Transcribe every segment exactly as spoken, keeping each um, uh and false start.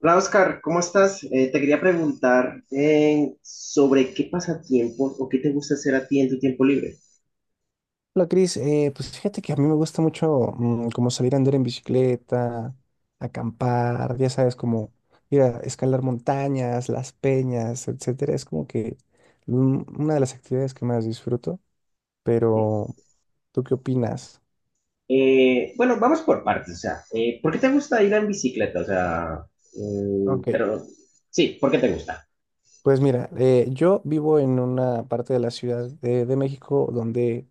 Hola Oscar, ¿cómo estás? Eh, te quería preguntar eh, sobre qué pasatiempo o qué te gusta hacer a ti en tu tiempo libre. Hola Cris, Eh, pues fíjate que a mí me gusta mucho mm, como salir a andar en bicicleta, acampar, ya sabes, como ir a escalar montañas, las peñas, etcétera. Es como que un- una de las actividades que más disfruto, pero ¿tú qué opinas? Eh, bueno, vamos por partes, o sea, eh, ¿por qué te gusta ir en bicicleta? O sea, mm, Ok, pero sí, ¿por qué te gusta? pues mira, eh, yo vivo en una parte de la Ciudad de, de México donde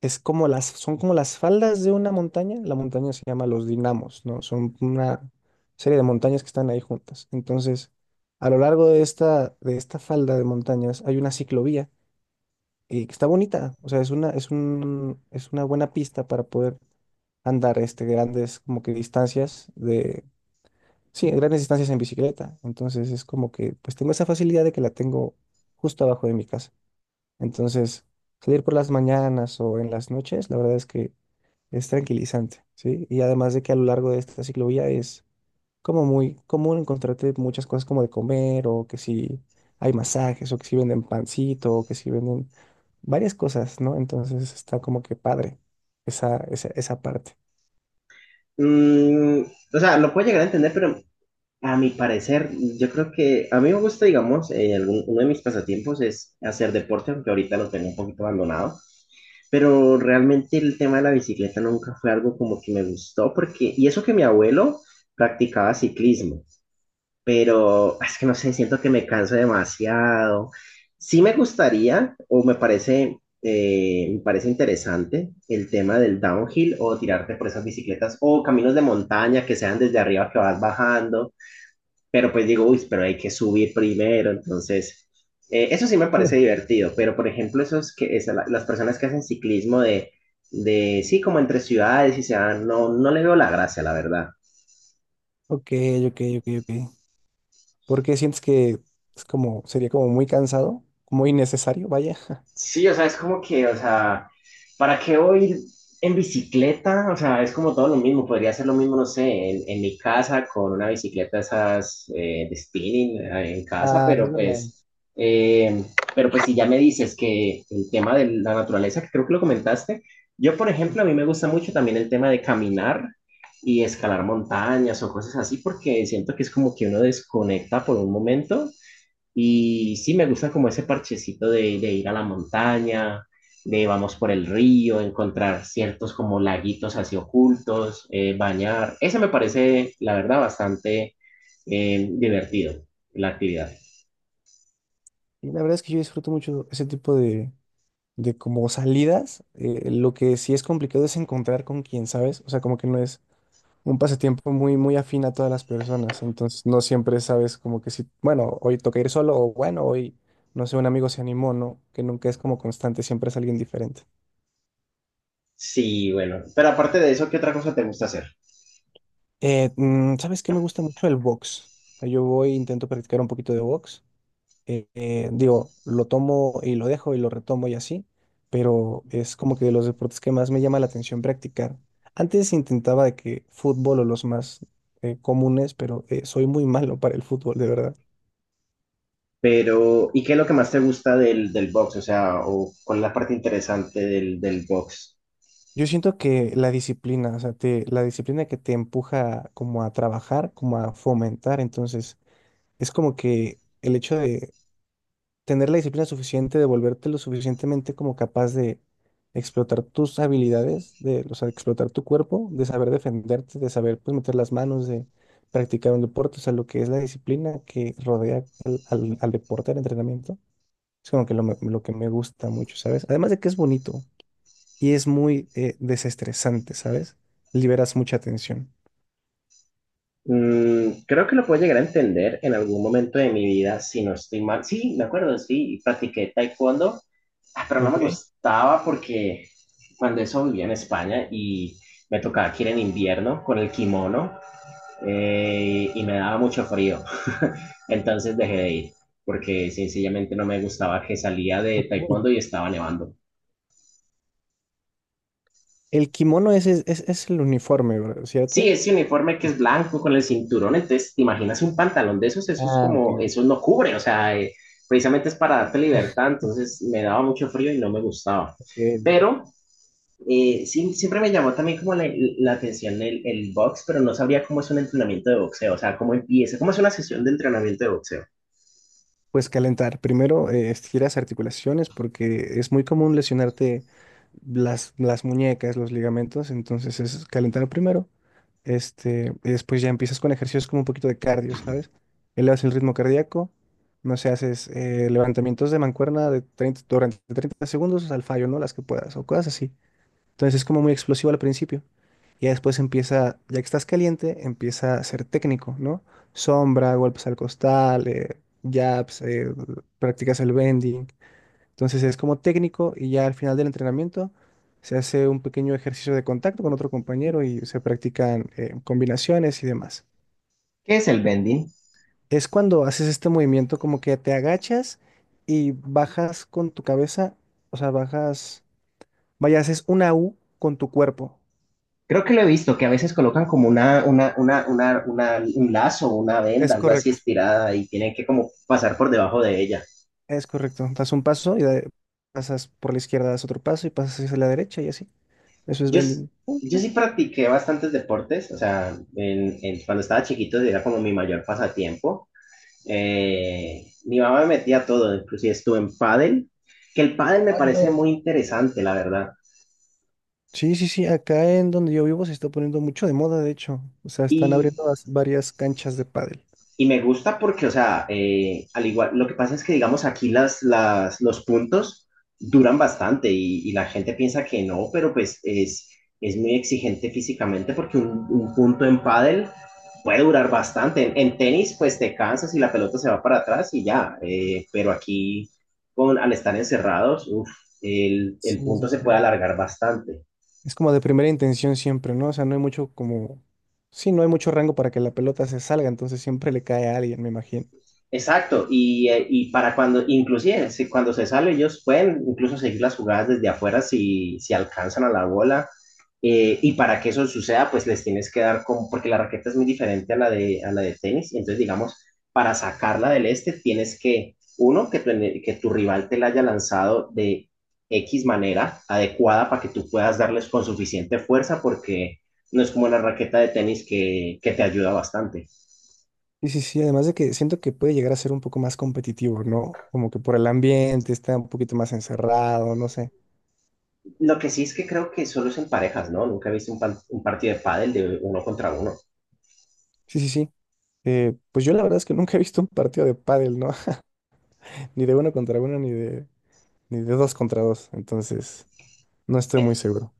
es como las, son como las faldas de una montaña. La montaña se llama los dinamos, ¿no? Son una serie de montañas que están ahí juntas. Entonces, a lo largo de esta, de esta falda de montañas hay una ciclovía eh, que está bonita. O sea, es una, es un, es una buena pista para poder andar este, grandes como que distancias de, sí, grandes distancias en bicicleta. Entonces es como que pues tengo esa facilidad de que la tengo justo abajo de mi casa. Entonces, salir por las mañanas o en las noches, la verdad es que es tranquilizante, ¿sí? Y además de que a lo largo de esta ciclovía es como muy común encontrarte muchas cosas como de comer o que si hay masajes o que si venden pancito o que si venden varias cosas, ¿no? Entonces está como que padre esa, esa, esa parte. Mm, o sea, lo puedo llegar a entender, pero a mi parecer, yo creo que a mí me gusta, digamos, eh, algún- uno de mis pasatiempos es hacer deporte, aunque ahorita lo tengo un poquito abandonado. Pero realmente el tema de la bicicleta nunca fue algo como que me gustó, porque, y eso que mi abuelo practicaba ciclismo, pero ah, es que no sé, siento que me canso demasiado. Sí me gustaría, o me parece, eh, me parece interesante el tema del downhill o tirarte por esas bicicletas o caminos de montaña que sean desde arriba que vas bajando, pero pues digo, uy, pero hay que subir primero, entonces, eh, eso sí me parece Mm. divertido, pero por ejemplo, esos que, esa- la- las personas que hacen ciclismo de, de, sí, como entre ciudades y se van, no, no le veo la gracia, la verdad. Ok, ok, ok, ok. ¿Por qué sientes que es como, sería como muy cansado, muy innecesario, vaya? Sí, o sea, es como que, o sea, ¿para qué voy a ir en bicicleta? O sea, es como todo lo mismo. Podría ser lo mismo, no sé, en, en mi casa con una bicicleta esas eh, de spinning eh, en casa, Ah, es pero verdad. pues, eh, pero pues si ya me dices que el tema de la naturaleza, que creo que lo comentaste, yo, por Sí. ejemplo, a mí me gusta mucho también el tema de caminar y escalar montañas o cosas así, porque siento que es como que uno desconecta por un momento y sí, me gusta como ese parchecito de, de ir a la montaña, de vamos por el río, encontrar ciertos como laguitos así ocultos, eh, bañar. Ese me parece, la verdad, bastante eh, divertido, la actividad. Y la verdad es que yo disfruto mucho ese tipo de, de como salidas, eh, lo que sí es complicado es encontrar con quien, ¿sabes? O sea, como que no es un pasatiempo muy, muy afín a todas las personas, entonces no siempre sabes como que si, bueno, hoy toca ir solo o bueno, hoy, no sé, un amigo se animó, ¿no? Que nunca es como constante, siempre es alguien diferente. Sí, bueno. Pero aparte de eso, ¿qué otra cosa te gusta hacer? Eh, mm, ¿sabes qué me gusta mucho? El box. O sea, yo voy, intento practicar un poquito de box. eh, eh, digo, lo tomo y lo dejo y lo retomo y así, pero es como que de los deportes que más me llama la atención practicar. Antes intentaba de que fútbol o los más eh, comunes, pero eh, soy muy malo para el fútbol, de verdad. Pero, ¿y qué es lo que más te gusta del, del box? O sea, o, ¿cuál es la parte interesante del, del box? Yo siento que la disciplina, o sea, te- la disciplina que te empuja como a trabajar, como a fomentar, entonces es como que el hecho de tener la disciplina suficiente de volverte lo suficientemente como capaz de explotar tus habilidades, de, o sea, de explotar tu cuerpo, de saber defenderte, de saber pues meter las manos, de practicar un deporte, o sea, lo que es la disciplina que rodea al, al- al deporte, al entrenamiento, es como que lo, me- lo que me gusta mucho, ¿sabes? Además de que es bonito y es muy eh, desestresante, ¿sabes? Liberas mucha tensión. Mm, creo que lo puedo llegar a entender en algún momento de mi vida, si no estoy mal. Sí, me acuerdo, sí, practiqué taekwondo, ah, pero no me Ok. gustaba porque cuando eso vivía en España y me tocaba aquí en invierno con el kimono eh, y me daba mucho frío. Entonces dejé de ir porque sencillamente no me gustaba que salía de Ok. taekwondo y estaba nevando. El kimono es, es, es- es el uniforme, ¿verdad? Sí, ¿Cierto? ese uniforme que es blanco con el cinturón, entonces, ¿te imaginas un pantalón de esos? Eso es Ah, ok, como, ya. eso no cubre, o sea, eh, precisamente es para darte libertad, entonces me daba mucho frío y no me gustaba. Ok. Pero eh, sí, siempre me llamó también como la, la atención el, el box, pero no sabría cómo es un entrenamiento de boxeo, o sea, cómo empieza, cómo es una sesión de entrenamiento de boxeo. Pues calentar. Primero, eh, estiras articulaciones porque es muy común lesionarte las, las muñecas, los ligamentos, entonces es calentar primero. Este, y después ya empiezas con ejercicios como un poquito de cardio, ¿sabes? Elevas el ritmo cardíaco, no sé, haces eh, levantamientos de mancuerna de treinta durante treinta segundos al fallo, ¿no? Las que puedas o cosas así. Entonces es como muy explosivo al principio. Y ya después empieza, ya que estás caliente, empieza a ser técnico, ¿no? Sombra, golpes al costal, eh, jabs, eh, practicas el bending. Entonces es como técnico y ya al final del entrenamiento se hace un pequeño ejercicio de contacto con otro compañero y se practican eh, combinaciones y demás. ¿Qué es el bending? Es cuando haces este movimiento como que te agachas y bajas con tu cabeza, o sea, bajas, vaya, haces una U con tu cuerpo. Creo que lo he visto, que a veces colocan como una, una, una, una, una- un lazo, una venda, Es algo así correcto. estirada y tienen que como pasar por debajo de ella. Es correcto. Das un paso y da- pasas por la izquierda, das otro paso y pasas hacia la derecha y así. Eso es Yo, s- bending. yo Ujú. sí practiqué bastantes deportes, o sea, en, en- cuando estaba chiquito era como mi mayor pasatiempo. Eh, mi mamá me metía a todo, inclusive estuve en pádel, que el pádel me Ay, qué parece padre. muy interesante, la verdad. Sí, sí, sí. Acá en donde yo vivo se está poniendo mucho de moda, de hecho. O sea, están Y abriendo vas- varias canchas de pádel. Y me gusta porque, o sea, eh, al igual, lo que pasa es que, digamos, aquí las, las, los puntos duran bastante y, y la gente piensa que no, pero pues es, es muy exigente físicamente porque un, un punto en pádel puede durar bastante. En, en, tenis, pues te cansas y la pelota se va para atrás y ya, eh, pero aquí, con, al estar encerrados, uf, el, el Sí, sí, punto se sí. puede alargar bastante. Es como de primera intención siempre, ¿no? O sea, no hay mucho como... Sí, no hay mucho rango para que la pelota se salga, entonces siempre le cae a alguien, me imagino. Exacto, y, eh, y para cuando, inclusive si cuando se sale, ellos pueden incluso seguir las jugadas desde afuera si, si alcanzan a la bola. eh, y para que eso suceda, pues les tienes que dar como, porque la raqueta es muy diferente a la de, a la de tenis. Entonces, digamos, para sacarla del este, tienes que, uno, que tu, que tu rival te la haya lanzado de X manera adecuada para que tú puedas darles con suficiente fuerza, porque no es como la raqueta de tenis que, que te ayuda bastante. Sí, sí, sí, además de que siento que puede llegar a ser un poco más competitivo, ¿no? Como que por el ambiente está un poquito más encerrado, no sé. Lo que sí es que creo que solo es en parejas, ¿no? Nunca he visto un, pan- un partido de pádel de uno contra uno. Sí, sí, sí. Eh, pues yo la verdad es que nunca he visto un partido de pádel, ¿no? Ni de uno contra uno, ni de, ni de dos contra dos. Entonces, no estoy muy seguro.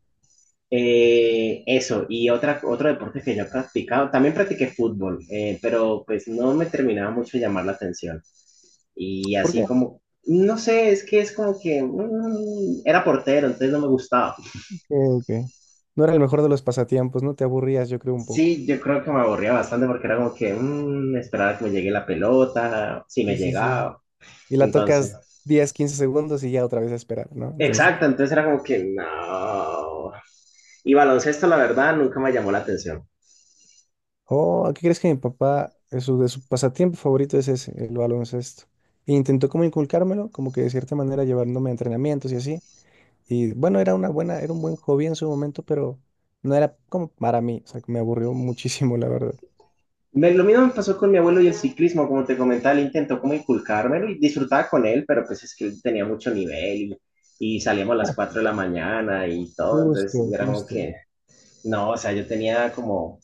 Eh, eso, y otra, otro deporte que yo he practicado, también practiqué fútbol, eh, pero pues no me terminaba mucho de llamar la atención. Y ¿Por así qué? como, no sé, es que es como que mm, era portero, entonces no me gustaba. Ok, ok. No era el mejor de los pasatiempos, ¿no? Te aburrías, yo creo, un poco. Sí, yo creo que me aburría bastante porque era como que mm, esperar a que me llegue la pelota, si me Sí, sí, sí. llegaba. Y la tocas Entonces, diez, quince segundos y ya otra vez a esperar, ¿no? Entonces, exacto, entonces era como que no. Y baloncesto, la verdad, nunca me llamó la atención. oh, ¿qué crees que mi papá, de su, de su pasatiempo favorito es ese, el baloncesto? E intentó como inculcármelo, como que de cierta manera llevándome a entrenamientos y así, y bueno, era una buena, era un buen hobby en su momento, pero no era como para mí, o sea, que me aburrió muchísimo, la verdad. Me- lo mismo me pasó con mi abuelo y el ciclismo, como te comentaba, él intentó como inculcármelo y disfrutaba con él, pero pues es que él tenía mucho nivel y, y salíamos a las cuatro de la mañana y todo, entonces y Justo, era como justo. que, no, o sea, yo tenía como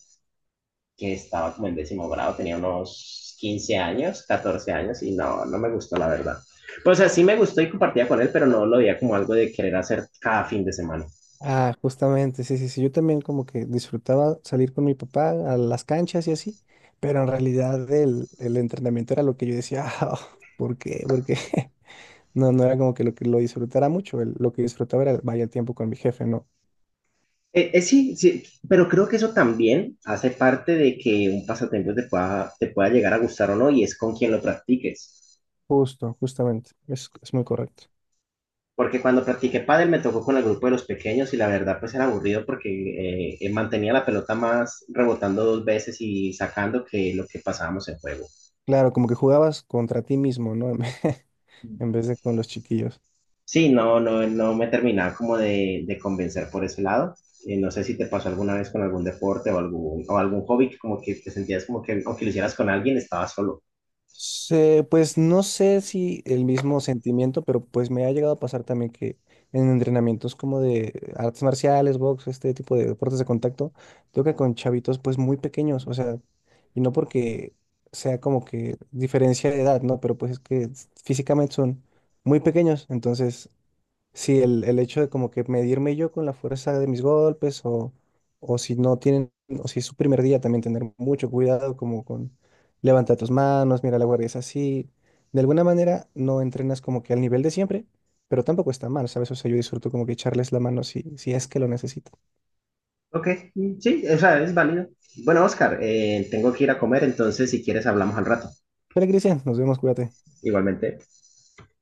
que estaba como en décimo grado, tenía unos quince años, catorce años y no, no me gustó la verdad. Pues o sea, sí me gustó y compartía con él, pero no lo veía como algo de querer hacer cada fin de semana. Ah, justamente, sí, sí, sí. Yo también como que disfrutaba salir con mi papá a las canchas y así, pero en realidad el, el entrenamiento era lo que yo decía, ah, ¿por qué? ¿Por qué? No, no era como que lo que lo disfrutara mucho, el- lo que disfrutaba era vaya el tiempo con mi jefe, ¿no? Eh, eh, sí, sí, pero creo que eso también hace parte de que un pasatiempo te pueda, te pueda llegar a gustar o no, y es con quien lo practiques. Justo, justamente, es, es muy correcto. Porque cuando practiqué pádel me tocó con el grupo de los pequeños y la verdad pues era aburrido porque eh, eh, mantenía la pelota más rebotando dos veces y sacando que lo que pasábamos en juego. Claro, como que jugabas contra ti mismo, ¿no? En vez de con los chiquillos. Sí, no, no, no me terminaba como de, de convencer por ese lado. Eh, no sé si te pasó alguna vez con algún deporte o algún, o algún hobby que como que te sentías como que aunque lo hicieras con alguien estabas solo. Se- pues no sé si el mismo sentimiento, pero pues me ha llegado a pasar también que en entrenamientos como de artes marciales, box, este tipo de deportes de contacto, toca con chavitos pues muy pequeños, o sea, y no porque sea como que diferencia de edad, ¿no? Pero pues es que físicamente son muy pequeños, entonces sí, el, el hecho de como que medirme yo con la fuerza de mis golpes o, o si no tienen, o si es su primer día también tener mucho cuidado como con levanta tus manos, mira la guardia es así. De alguna manera no entrenas como que al nivel de siempre, pero tampoco está mal, ¿sabes? O sea, yo disfruto como que echarles la mano si, si es que lo necesito. Ok, sí, o sea, es válido. Bueno, Oscar, eh, tengo que ir a comer, entonces si quieres hablamos al rato. Pero Cristian, nos vemos, cuídate. Igualmente.